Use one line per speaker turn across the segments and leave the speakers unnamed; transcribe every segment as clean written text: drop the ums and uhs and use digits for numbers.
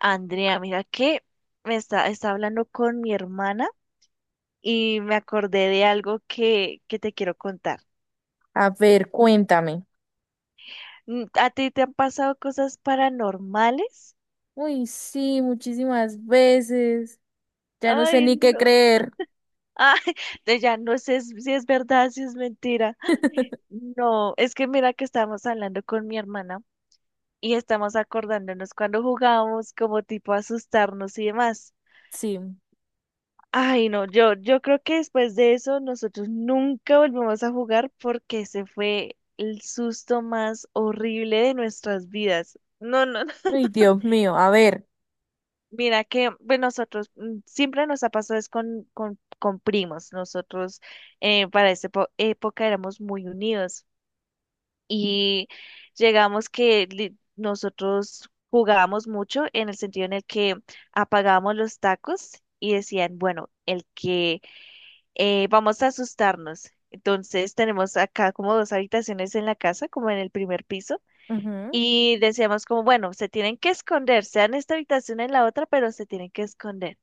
Andrea, mira que me está hablando con mi hermana y me acordé de algo que te quiero contar.
A ver, cuéntame.
¿A ti te han pasado cosas paranormales?
Uy, sí, muchísimas veces. Ya no sé
Ay,
ni qué
no.
creer.
Ay, de ya no sé si es verdad, si es mentira. Ay, no, es que mira que estábamos hablando con mi hermana y estamos acordándonos cuando jugábamos como tipo asustarnos y demás.
Sí.
Ay, no, yo creo que después de eso nosotros nunca volvemos a jugar porque ese fue el susto más horrible de nuestras vidas. No, no, no.
Ay, Dios mío, a ver.
Mira que pues nosotros siempre nos ha pasado es con primos. Nosotros para esa época éramos muy unidos y llegamos que nosotros jugábamos mucho en el sentido en el que apagábamos los tacos y decían, bueno, el que vamos a asustarnos. Entonces tenemos acá como dos habitaciones en la casa, como en el primer piso,
Ujú,
y decíamos como, bueno, se tienen que esconder, sea en esta habitación o en la otra, pero se tienen que esconder.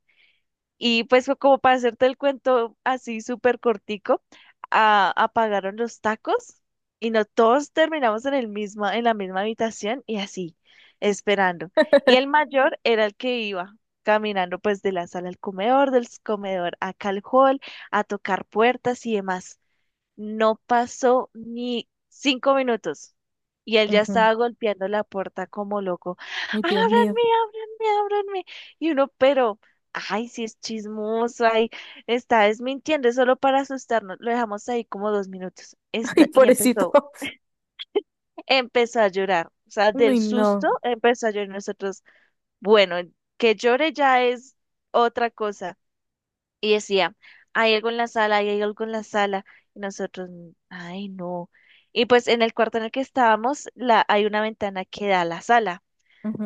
Y pues fue como para hacerte el cuento así súper cortico, apagaron los tacos y no todos terminamos en el mismo, en la misma habitación y así, esperando. Y el mayor era el que iba caminando pues de la sala al comedor, del comedor acá al hall, a tocar puertas y demás. No pasó ni 5 minutos y él ya
ujú.
estaba golpeando la puerta como loco.
Ay,
¡Ábranme,
Dios mío.
ábranme, ábranme! Y uno, pero, ay, si es chismoso, ay, está desmintiendo, es solo para asustarnos. Lo dejamos ahí como 2 minutos.
Ay,
Y
pobrecito.
empezó a llorar. O sea, del
Uy,
susto
no.
empezó a llorar. Nosotros, bueno, que llore ya es otra cosa. Y decía, hay algo en la sala, hay algo en la sala. Y nosotros, ay, no". Y pues en el cuarto en el que estábamos, la, hay una ventana que da a la sala.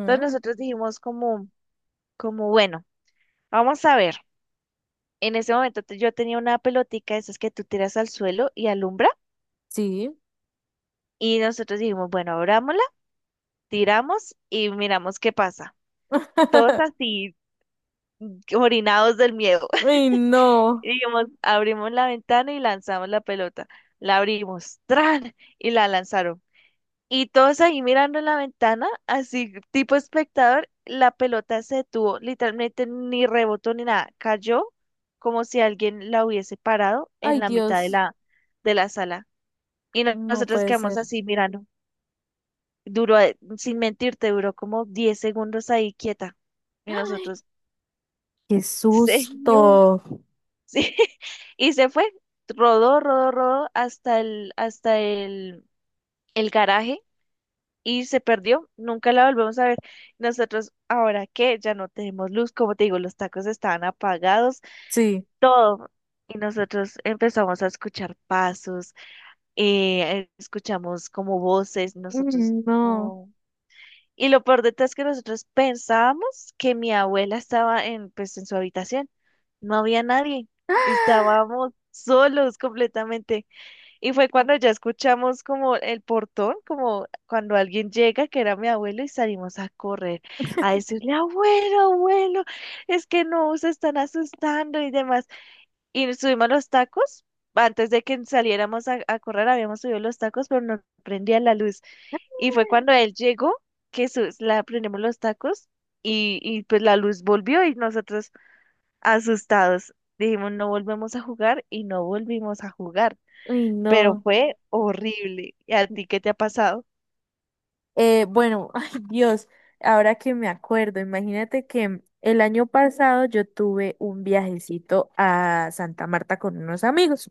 Entonces nosotros dijimos como, bueno, vamos a ver. En ese momento yo tenía una pelotica de esas que tú tiras al suelo y alumbra.
Sí.
Y nosotros dijimos, bueno, abrámosla, tiramos y miramos qué pasa. Todos así, orinados del miedo.
Uy, no.
Y dijimos, abrimos la ventana y lanzamos la pelota. La abrimos, ¡tran! Y la lanzaron. Y todos ahí mirando la ventana, así tipo espectador, la pelota se detuvo, literalmente ni rebotó ni nada, cayó como si alguien la hubiese parado
Ay,
en la mitad de
Dios.
de la sala. Y
No
nosotros
puede
quedamos
ser.
así mirando. Duró, sin mentirte, duró como 10 segundos ahí quieta. Y
Ay,
nosotros,
qué
señor,
susto.
sí. Y se fue, rodó, rodó, rodó hasta el garaje y se perdió, nunca la volvemos a ver. Nosotros, ahora que ya no tenemos luz, como te digo, los tacos estaban apagados,
Sí.
todo. Y nosotros empezamos a escuchar pasos, escuchamos como voces, nosotros
Uy, no.
no. Y lo peor de todo es que nosotros pensábamos que mi abuela estaba en, pues, en su habitación. No había nadie. Estábamos solos completamente. Y fue cuando ya escuchamos como el portón, como cuando alguien llega, que era mi abuelo, y salimos a correr a decirle, abuelo, abuelo, es que no, se están asustando y demás. Y nos subimos los tacos. Antes de que saliéramos a correr, habíamos subido los tacos, pero no prendía la luz. Y fue cuando él llegó que la prendimos los tacos y pues la luz volvió y nosotros asustados dijimos, no volvemos a jugar y no volvimos a jugar,
Uy,
pero
no.
fue horrible. ¿Y a ti qué te ha pasado?
Bueno, ay Dios, ahora que me acuerdo, imagínate que el año pasado yo tuve un viajecito a Santa Marta con unos amigos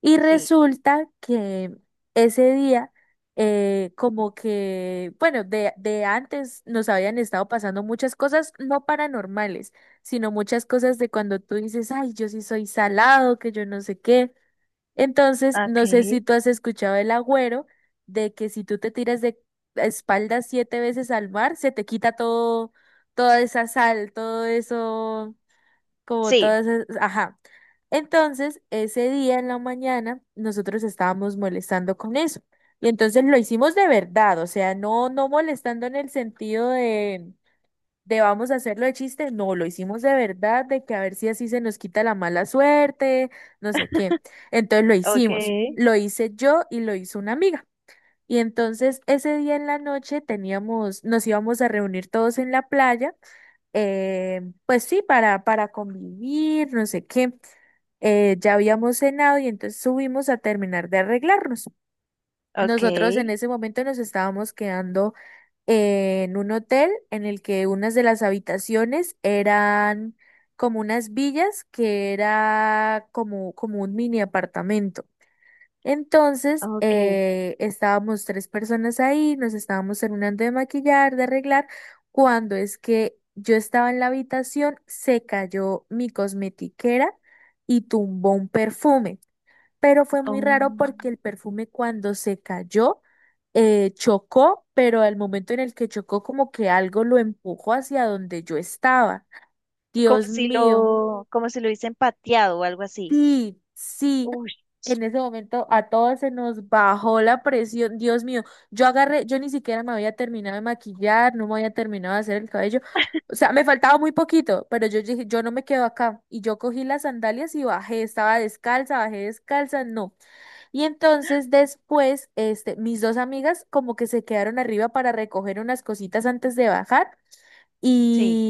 y
Sí.
resulta que ese día, como que, bueno, de antes nos habían estado pasando muchas cosas no paranormales, sino muchas cosas de cuando tú dices, ay, yo sí soy salado, que yo no sé qué. Entonces, no sé si
Okay.
tú has escuchado el agüero de que si tú te tiras de espaldas siete veces al mar, se te quita todo, toda esa sal, todo eso, como
Sí.
todas esas, ajá. Entonces, ese día en la mañana, nosotros estábamos molestando con eso. Y entonces lo hicimos de verdad, o sea, no, no molestando en el sentido de vamos a hacerlo de chiste, no, lo hicimos de verdad, de que a ver si así se nos quita la mala suerte, no sé qué. Entonces lo hicimos,
Okay.
lo hice yo y lo hizo una amiga. Y entonces ese día en la noche teníamos, nos íbamos a reunir todos en la playa, pues sí, para convivir, no sé qué. Ya habíamos cenado y entonces subimos a terminar de arreglarnos. Nosotros en
Okay.
ese momento nos estábamos quedando en un hotel en el que unas de las habitaciones eran como unas villas que era como, un mini apartamento. Entonces,
Okay.
estábamos tres personas ahí, nos estábamos terminando de maquillar, de arreglar, cuando es que yo estaba en la habitación, se cayó mi cosmetiquera y tumbó un perfume, pero fue muy
Oh,
raro, porque el perfume cuando se cayó chocó, pero al momento en el que chocó como que algo lo empujó hacia donde yo estaba.
como
Dios
si
mío,
lo, como si lo hubiesen pateado o algo así.
sí, sí.
Uy.
En ese momento a todos se nos bajó la presión. Dios mío, yo agarré, yo ni siquiera me había terminado de maquillar, no me había terminado de hacer el cabello. O sea, me faltaba muy poquito, pero yo dije, yo no me quedo acá. Y yo cogí las sandalias y bajé, estaba descalza, bajé descalza, no. Y entonces después, este, mis dos amigas como que se quedaron arriba para recoger unas cositas antes de bajar.
Sí.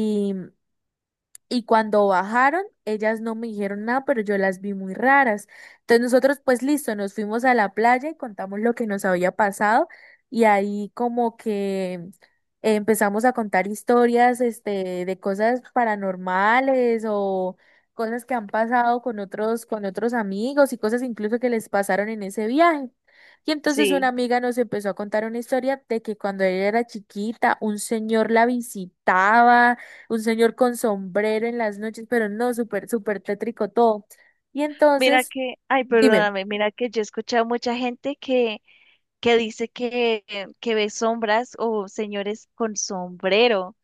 Y cuando bajaron, ellas no me dijeron nada, pero yo las vi muy raras. Entonces nosotros, pues listo, nos fuimos a la playa y contamos lo que nos había pasado, y ahí como que empezamos a contar historias, este, de cosas paranormales o cosas que han pasado con otros, amigos y cosas incluso que les pasaron en ese viaje. Y entonces una
Sí.
amiga nos empezó a contar una historia de que cuando ella era chiquita, un señor la visitaba, un señor con sombrero en las noches, pero no, súper, súper tétrico todo. Y
Mira
entonces,
que, ay,
dime.
perdóname, mira que yo he escuchado mucha gente que dice que ve sombras o señores con sombrero.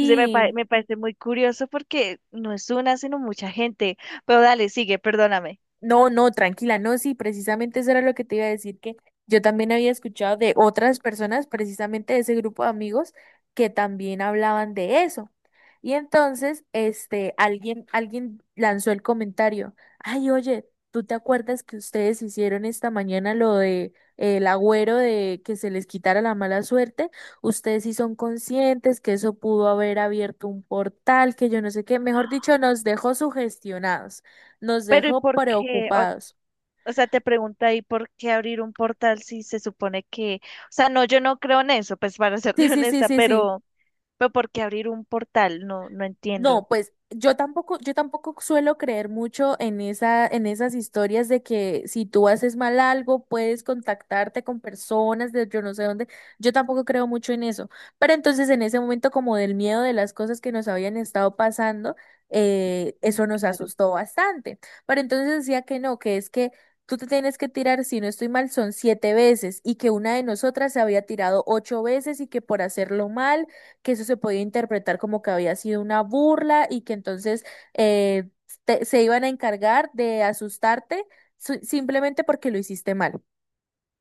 Se me, pa- me parece muy curioso porque no es una, sino mucha gente. Pero dale, sigue, perdóname.
No, no, tranquila, no, sí, precisamente eso era lo que te iba a decir, que yo también había escuchado de otras personas, precisamente de ese grupo de amigos, que también hablaban de eso. Y entonces, este, alguien lanzó el comentario, ay, oye, ¿tú te acuerdas que ustedes hicieron esta mañana lo de el agüero de que se les quitara la mala suerte? Ustedes sí son conscientes que eso pudo haber abierto un portal, que yo no sé qué, mejor dicho, nos dejó sugestionados, nos
Pero ¿y
dejó
por qué?
preocupados.
O sea, te pregunta, ahí por qué abrir un portal si se supone que, o sea, no, yo no creo en eso, pues para
Sí,
serte
sí, sí,
honesta,
sí, sí.
pero ¿por qué abrir un portal? No, no
No,
entiendo.
pues yo tampoco suelo creer mucho en esa, en esas historias de que si tú haces mal algo, puedes contactarte con personas de yo no sé dónde. Yo tampoco creo mucho en eso. Pero entonces en ese momento, como del miedo de las cosas que nos habían estado pasando,
Mm,
eso nos
claro.
asustó bastante. Pero entonces decía que no, que es que tú te tienes que tirar, si no estoy mal, son siete veces, y que una de nosotras se había tirado ocho veces, y que por hacerlo mal, que eso se podía interpretar como que había sido una burla, y que entonces eh, se iban a encargar de asustarte, simplemente porque lo hiciste mal.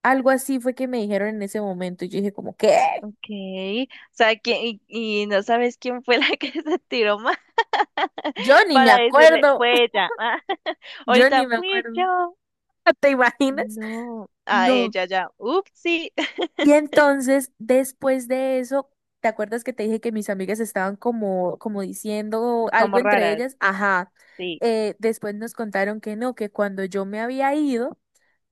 Algo así fue que me dijeron en ese momento, y yo dije como, ¿qué?
Okay. O sea, ¿quién, y no sabes quién fue la que se tiró más?
Yo ni me
Para decirle,
acuerdo,
fue ella. Ah,
yo ni
ahorita
me
fui
acuerdo,
yo.
¿te imaginas?
No, ah,
No.
ella ya, upsí.
Y entonces, después de eso, ¿te acuerdas que te dije que mis amigas estaban como, diciendo algo
Como
entre
raras,
ellas? Ajá.
sí.
Después nos contaron que no, que cuando yo me había ido,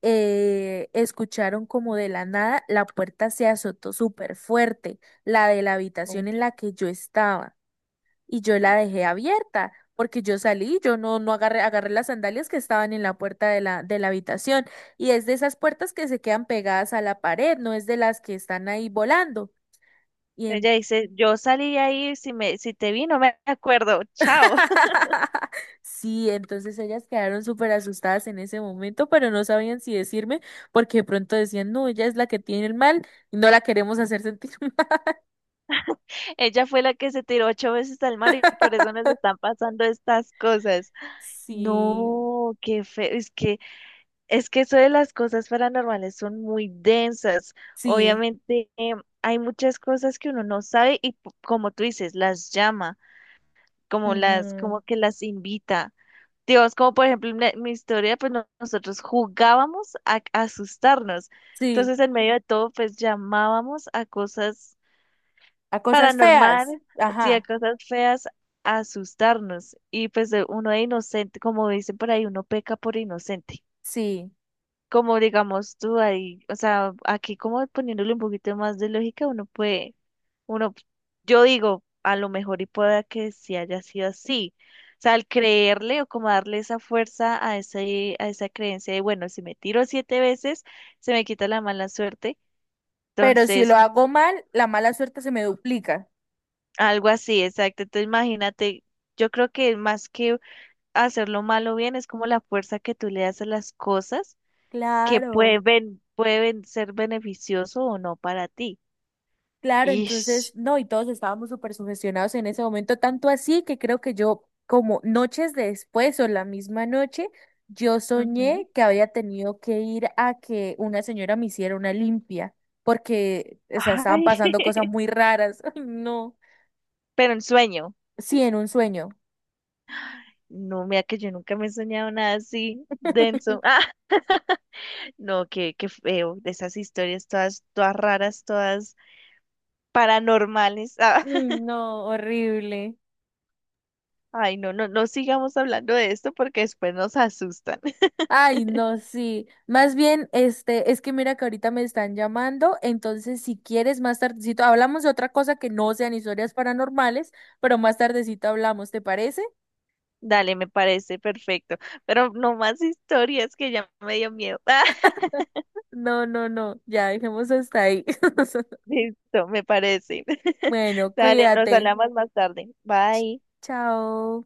escucharon como de la nada la puerta se azotó súper fuerte, la de la habitación en la que yo estaba, y yo la dejé abierta, porque yo salí, yo no agarré, las sandalias que estaban en la puerta de la, habitación, y es de esas puertas que se quedan pegadas a la pared, no es de las que están ahí volando. Y
Ella dice, yo salí ahí, si te vi, no me acuerdo, chao.
sí, entonces ellas quedaron súper asustadas en ese momento, pero no sabían si decirme, porque de pronto decían, no, ella es la que tiene el mal y no la queremos hacer sentir mal.
Ella fue la que se tiró ocho veces al mar y por eso nos están pasando estas cosas.
Sí,
No, qué feo, es que eso de las cosas paranormales son muy densas.
sí,
Obviamente, hay muchas cosas que uno no sabe y como tú dices, las llama, como las,
ujú,
como que las invita. Dios, como por ejemplo en mi historia, pues nosotros jugábamos a asustarnos.
sí,
Entonces, en medio de todo, pues llamábamos a cosas
a cosas feas.
paranormales, sí, a
Ajá.
cosas feas, a asustarnos. Y pues uno de inocente, como dicen por ahí, uno peca por inocente,
Sí,
como digamos tú ahí, o sea, aquí como poniéndole un poquito más de lógica, uno puede, uno, yo digo, a lo mejor y pueda que sí haya sido así. O sea, al creerle o como darle esa fuerza a ese, a esa creencia de, bueno, si me tiro siete veces, se me quita la mala suerte.
pero si lo
Entonces,
hago mal, la mala suerte se me duplica.
algo así, exacto. Entonces, imagínate, yo creo que más que hacerlo mal o bien, es como la fuerza que tú le das a las cosas, que
Claro.
pueden, pueden ser beneficioso o no para ti.
Claro, entonces,
Ish.
no, y todos estábamos súper sugestionados en ese momento, tanto así que creo que yo, como noches después o la misma noche, yo
Ujú.
soñé que había tenido que ir a que una señora me hiciera una limpia, porque, o sea, estaban
Ay,
pasando cosas muy raras. Ay, no.
pero en sueño.
Sí, en un sueño.
No, mira que yo nunca me he soñado nada así denso. Ah, no, qué, qué feo. De esas historias todas, todas raras, todas paranormales. Ah,
Ay, no, horrible.
ay, no, no, no sigamos hablando de esto porque después nos asustan.
Ay, no, sí. Más bien, este, es que mira que ahorita me están llamando, entonces si quieres más tardecito hablamos de otra cosa que no sean historias paranormales, pero más tardecito hablamos, ¿te parece?
Dale, me parece perfecto. Pero no más historias que ya me dio miedo. Ah,
No, no, no, ya dejemos hasta ahí.
listo, me parece.
Bueno,
Dale, nos
cuídate.
hablamos más tarde.
Ch-
Bye.
Chao.